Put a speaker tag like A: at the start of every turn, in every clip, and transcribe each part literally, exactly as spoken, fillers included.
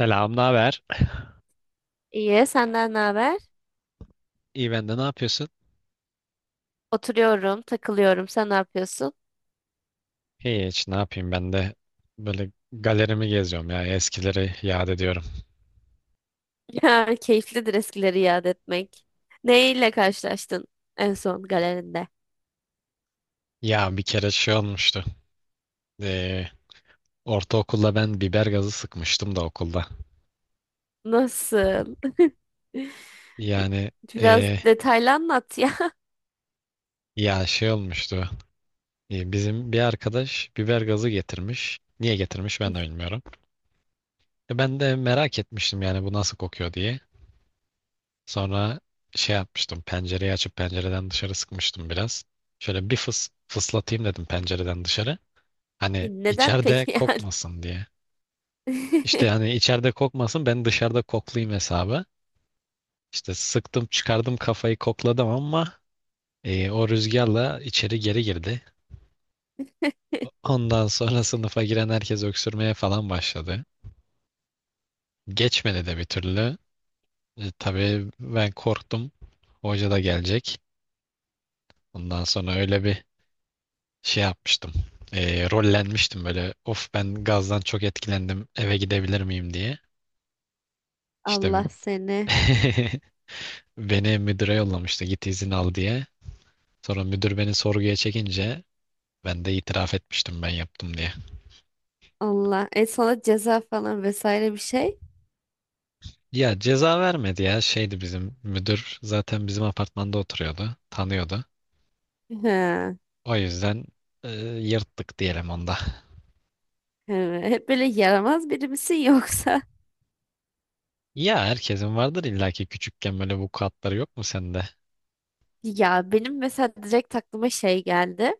A: Selam, ne haber?
B: İyi, senden ne haber?
A: İyi ben de, ne yapıyorsun?
B: Oturuyorum, takılıyorum. Sen ne yapıyorsun?
A: İyi, hiç ne yapayım ben de böyle galerimi geziyorum ya, eskileri yad ediyorum.
B: Ya, keyiflidir eskileri yad etmek. Neyle karşılaştın en son galerinde?
A: Ya bir kere şey olmuştu. Ee, ortaokulda ben biber gazı sıkmıştım da okulda.
B: Nasıl?
A: Yani
B: Biraz
A: ee,
B: detaylı anlat ya.
A: ya şey olmuştu. Ee, bizim bir arkadaş biber gazı getirmiş. Niye getirmiş ben de bilmiyorum. E, ben de merak etmiştim yani bu nasıl kokuyor diye. Sonra şey yapmıştım. Pencereyi açıp pencereden dışarı sıkmıştım biraz. Şöyle bir fıs fıslatayım dedim pencereden dışarı. Hani
B: Neden
A: içeride
B: peki yani?
A: kokmasın diye. İşte hani içeride kokmasın, ben dışarıda koklayayım hesabı. İşte sıktım, çıkardım kafayı kokladım ama e, o rüzgarla içeri geri girdi. Ondan sonra sınıfa giren herkes öksürmeye falan başladı. Geçmedi de bir türlü. E, tabii ben korktum. Hoca da gelecek. Ondan sonra öyle bir şey yapmıştım. E, rollenmiştim böyle. Of ben gazdan çok etkilendim, eve gidebilir miyim diye. İşte bir-
B: Allah seni.
A: beni müdüre yollamıştı. Git izin al diye. Sonra müdür beni sorguya çekince ben de itiraf etmiştim, ben yaptım diye.
B: Allah. E, sana ceza falan vesaire bir şey?
A: Ya ceza vermedi ya. Şeydi, bizim müdür zaten bizim apartmanda oturuyordu. Tanıyordu.
B: Ha,
A: O yüzden e, yırttık diyelim onda.
B: evet. Hep böyle yaramaz biri misin yoksa?
A: Ya herkesin vardır illaki, küçükken böyle vukuatları yok mu sende?
B: Ya benim mesela direkt aklıma şey geldi.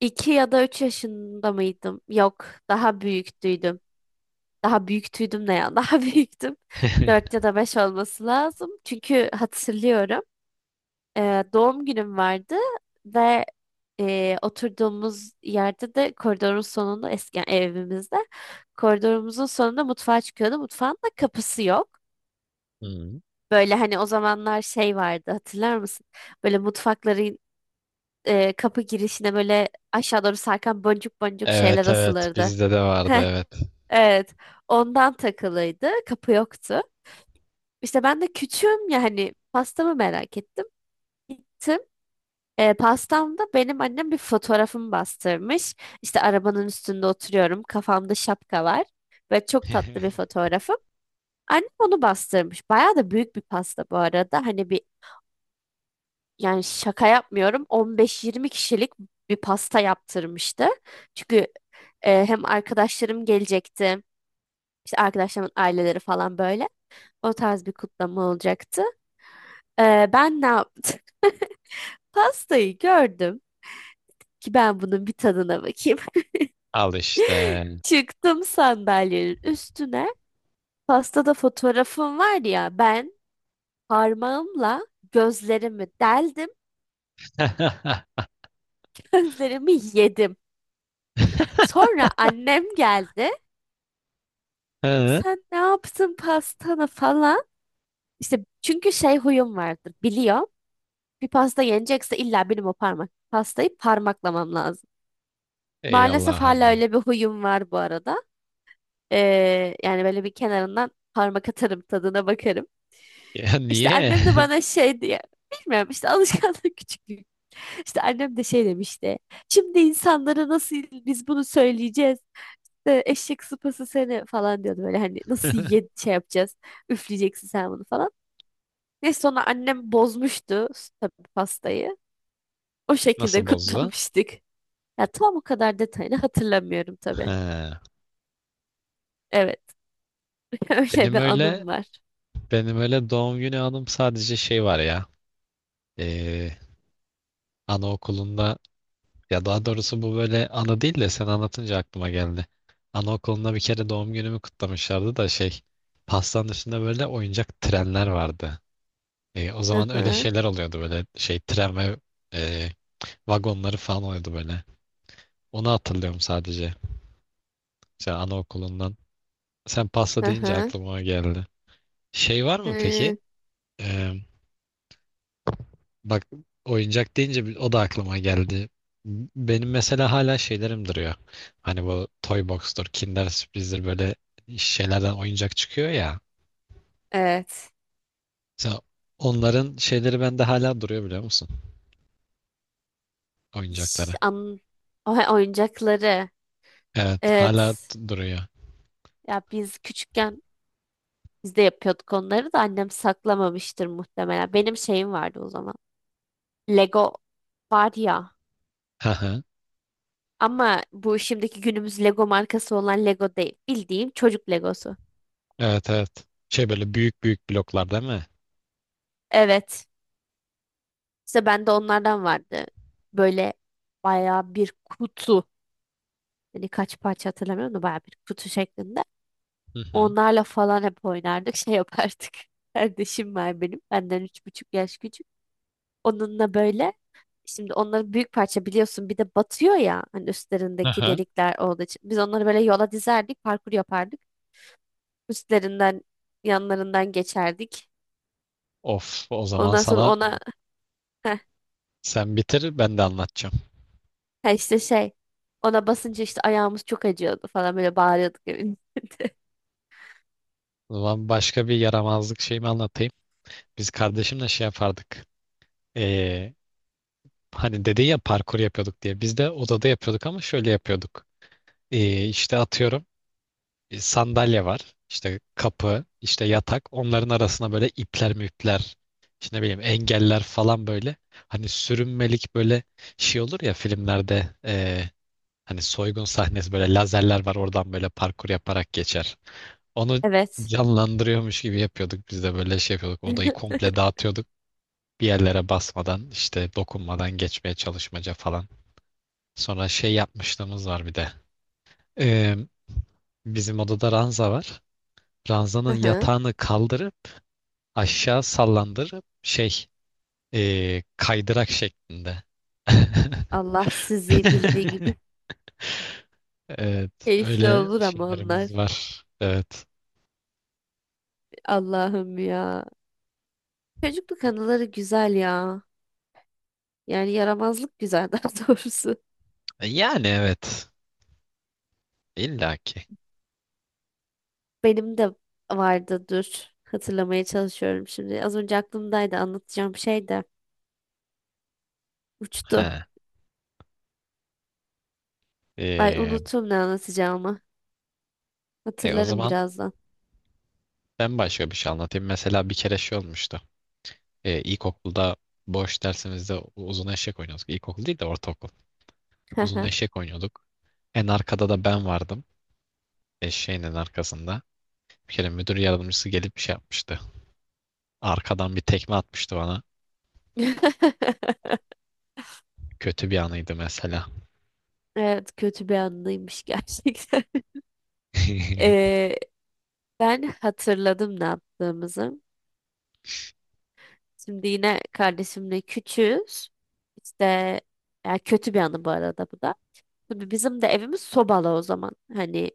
B: iki ya da üç yaşında mıydım? Yok, daha büyüktüydüm. Daha büyüktüydüm ne ya? Daha büyüktüm. Dört ya da beş olması lazım. Çünkü hatırlıyorum. e, Doğum günüm vardı ve e, oturduğumuz yerde de koridorun sonunda, eski yani evimizde koridorumuzun sonunda mutfağa çıkıyordu. Mutfağın da kapısı yok.
A: Hmm.
B: Böyle hani o zamanlar şey vardı, hatırlar mısın? Böyle mutfakların e, kapı girişine böyle aşağı doğru sarkan boncuk boncuk şeyler
A: Evet, evet,
B: asılırdı.
A: bizde de vardı, evet.
B: Evet. Ondan takılıydı. Kapı yoktu. İşte ben de küçüğüm, yani pastamı merak ettim. Gittim. E, pastamda benim annem bir fotoğrafımı bastırmış. İşte arabanın üstünde oturuyorum. Kafamda şapka var. Ve çok tatlı bir fotoğrafım. Annem onu bastırmış. Bayağı da büyük bir pasta bu arada. Hani bir, yani şaka yapmıyorum. on beş yirmi kişilik kişilik bir pasta yaptırmıştı. Çünkü e, hem arkadaşlarım gelecekti. İşte arkadaşlarımın aileleri falan böyle. O tarz bir kutlama olacaktı. Ee, ben ne yaptım? Pastayı gördüm ki ben bunun bir tadına bakayım.
A: Al işte.
B: Çıktım sandalyenin üstüne. Pastada fotoğrafım var ya, ben parmağımla gözlerimi deldim, gözlerimi yedim. Sonra annem geldi.
A: Hı?
B: Sen ne yaptın pastanı falan. İşte çünkü şey huyum vardır, biliyor. Bir pasta yenecekse illa benim o parmak pastayı parmaklamam lazım.
A: Ey
B: Maalesef
A: Allah'ım,
B: hala
A: ya.
B: öyle bir huyum var bu arada. Ee, yani böyle bir kenarından parmak atarım, tadına bakarım.
A: Ya
B: İşte
A: niye?
B: annem de bana şey diye bilmiyorum, işte alışkanlık küçüklük. İşte annem de şey demişti. Şimdi insanlara nasıl biz bunu söyleyeceğiz? Ee, Eşek sıpası seni falan diyordu böyle, hani nasıl ye şey yapacağız? Üfleyeceksin sen bunu falan. Neyse sonra annem bozmuştu tabii pastayı. O şekilde
A: Nasıl bozdu?
B: kutlamıştık. Ya tam o kadar detayını hatırlamıyorum tabii.
A: Ha.
B: Evet, öyle
A: Benim
B: bir
A: öyle
B: anım var.
A: benim öyle doğum günü anım sadece, şey var ya. Ee, Anaokulunda, ya daha doğrusu bu böyle anı değil de sen anlatınca aklıma geldi. Anaokulunda bir kere doğum günümü kutlamışlardı da şey, pastanın üstünde böyle oyuncak trenler vardı. E, o
B: Hı
A: zaman öyle
B: hı.
A: şeyler oluyordu böyle, şey tren ve e, vagonları falan oluyordu böyle. Onu hatırlıyorum sadece. Mesela anaokulundan. Sen pasta
B: Hı
A: deyince
B: hı.
A: aklıma o geldi. Şey var mı peki?
B: Hı.
A: E, bak, oyuncak deyince bir- o da aklıma geldi. Benim mesela hala şeylerim duruyor. Hani bu Toy Box'tur, Kinder Sürpriz'dir, böyle şeylerden oyuncak çıkıyor ya.
B: Evet.
A: Mesela onların şeyleri bende hala duruyor biliyor musun? Oyuncakları.
B: Ş- An o oyuncakları.
A: Evet, hala
B: Evet.
A: duruyor.
B: Ya biz küçükken biz de yapıyorduk onları da annem saklamamıştır muhtemelen. Benim şeyim vardı o zaman. Lego var ya. Ama bu şimdiki günümüz Lego markası olan Lego değil. Bildiğim çocuk Legosu.
A: Evet, evet. Şey böyle büyük büyük bloklar değil mi?
B: Evet. İşte bende onlardan vardı. Böyle bayağı bir kutu. Hani kaç parça hatırlamıyorum da bayağı bir kutu şeklinde.
A: Hı hı.
B: Onlarla falan hep oynardık. Şey yapardık. Kardeşim var benim. Benden üç buçuk yaş küçük. Onunla böyle şimdi onları büyük parça biliyorsun, bir de batıyor ya hani üstlerindeki
A: Aha.
B: delikler olduğu için. Biz onları böyle yola dizerdik, parkur yapardık. Üstlerinden, yanlarından geçerdik.
A: Of, o zaman
B: Ondan sonra
A: sana,
B: ona heh,
A: sen bitir ben de anlatacağım.
B: ha işte şey, ona basınca işte ayağımız çok acıyordu falan böyle bağırıyorduk evin içinde.
A: O zaman başka bir yaramazlık şeyimi anlatayım. Biz kardeşimle şey yapardık. Ee, Hani dedin ya parkur yapıyorduk diye. Biz de odada yapıyorduk ama şöyle yapıyorduk. Ee, işte atıyorum, e, sandalye var, işte kapı, işte yatak. Onların arasına böyle ipler müpler, işte ne bileyim engeller falan böyle. Hani sürünmelik böyle şey olur ya filmlerde. E, hani soygun sahnesi böyle, lazerler var, oradan böyle parkur yaparak geçer. Onu
B: Evet.
A: canlandırıyormuş gibi yapıyorduk, biz de böyle şey yapıyorduk. Odayı komple dağıtıyorduk. Bir yerlere basmadan, işte dokunmadan geçmeye çalışmaca falan. Sonra şey yapmışlığımız var bir de. Ee, Bizim odada ranza var.
B: Hı
A: Ranzanın
B: hı.
A: yatağını kaldırıp aşağı sallandırıp şey, ee, kaydırak şeklinde.
B: Allah sizi bildiği gibi
A: Evet,
B: keyifli
A: öyle
B: olur ama onlar.
A: şeylerimiz var. Evet.
B: Allah'ım ya. Çocukluk anıları güzel ya. Yani yaramazlık güzel daha doğrusu.
A: Yani evet. İlla ki.
B: Benim de vardı, dur. Hatırlamaya çalışıyorum şimdi. Az önce aklımdaydı, anlatacağım şey de uçtu.
A: He.
B: Ay,
A: Ee,
B: unuttum ne anlatacağımı.
A: e, o
B: Hatırlarım
A: zaman
B: birazdan.
A: ben başka bir şey anlatayım. Mesela bir kere şey olmuştu. Ee, ilkokulda boş dersimizde uzun eşek oynuyorduk. İlkokul değil de ortaokul. Uzun eşek oynuyorduk. En arkada da ben vardım. Eşeğin en arkasında. Bir kere müdür yardımcısı gelip bir şey yapmıştı. Arkadan bir tekme atmıştı bana. Kötü bir anıydı mesela.
B: Evet, kötü bir anıymış gerçekten. Ee, Ben hatırladım ne yaptığımızı. Şimdi yine kardeşimle küçüğüz. İşte ya kötü bir anı bu arada bu da. Tabii bizim de evimiz sobalı o zaman. Hani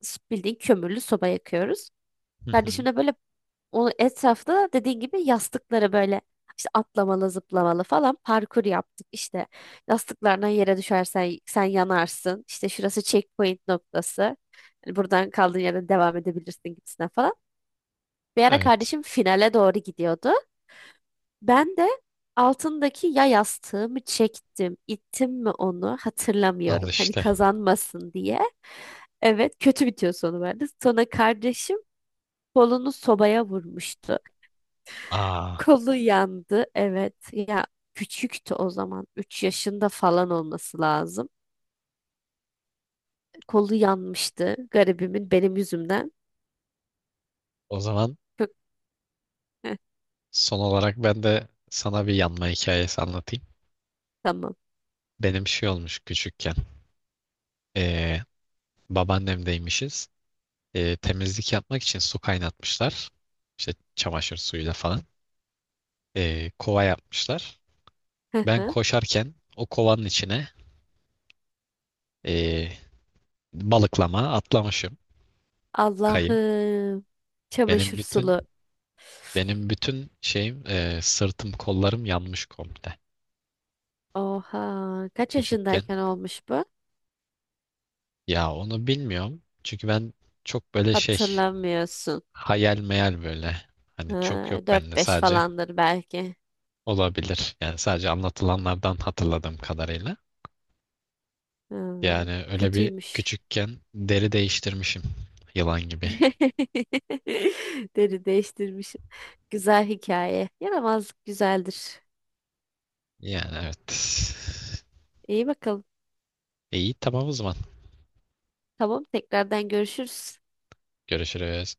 B: s- bildiğin kömürlü soba yakıyoruz.
A: Hı
B: Kardeşim
A: hı.
B: de böyle o etrafta dediğin gibi yastıkları böyle işte atlamalı, zıplamalı falan parkur yaptık. İşte yastıklardan yere düşersen sen yanarsın. İşte şurası checkpoint noktası. Hani buradan kaldığın yerden devam edebilirsin gibisine falan. Bir ara
A: Evet.
B: kardeşim finale doğru gidiyordu. Ben de altındaki, ya yastığımı çektim, ittim mi onu
A: Al
B: hatırlamıyorum. Hani
A: işte.
B: kazanmasın diye. Evet, kötü bitiyor sonu verdi. Sonra kardeşim kolunu sobaya vurmuştu.
A: Aa,
B: Kolu yandı. Evet. Ya küçüktü o zaman. Üç yaşında falan olması lazım. Kolu yanmıştı garibimin benim yüzümden.
A: o zaman
B: Çok- heh,
A: son olarak ben de sana bir yanma hikayesi anlatayım.
B: tamam.
A: Benim şey olmuş küçükken. Ee, Babaannemdeymişiz. Ee, temizlik yapmak için su kaynatmışlar. İşte çamaşır suyuyla falan. Ee, kova yapmışlar.
B: Hı
A: Ben
B: hı.
A: koşarken o kovanın içine ee, balıklama atlamışım. Kayıp.
B: Allah'ım.
A: Benim
B: Çamaşır
A: bütün
B: sulu.
A: benim bütün şeyim, ee, sırtım, kollarım yanmış komple.
B: Oha. Kaç
A: Küçükken.
B: yaşındayken olmuş bu?
A: Ya onu bilmiyorum. Çünkü ben çok böyle şey,
B: Hatırlamıyorsun.
A: hayal meyal böyle. Hani çok yok
B: Ha,
A: bende
B: dört beş
A: sadece.
B: falandır belki.
A: Olabilir. Yani sadece anlatılanlardan hatırladığım kadarıyla.
B: Hmm,
A: Yani öyle bir
B: kötüymüş.
A: küçükken deri değiştirmişim. Yılan gibi.
B: Deri değiştirmiş. Güzel hikaye. Yaramazlık güzeldir.
A: Yani evet.
B: İyi bakalım.
A: İyi, tamam o zaman.
B: Tamam, tekrardan görüşürüz.
A: Görüşürüz.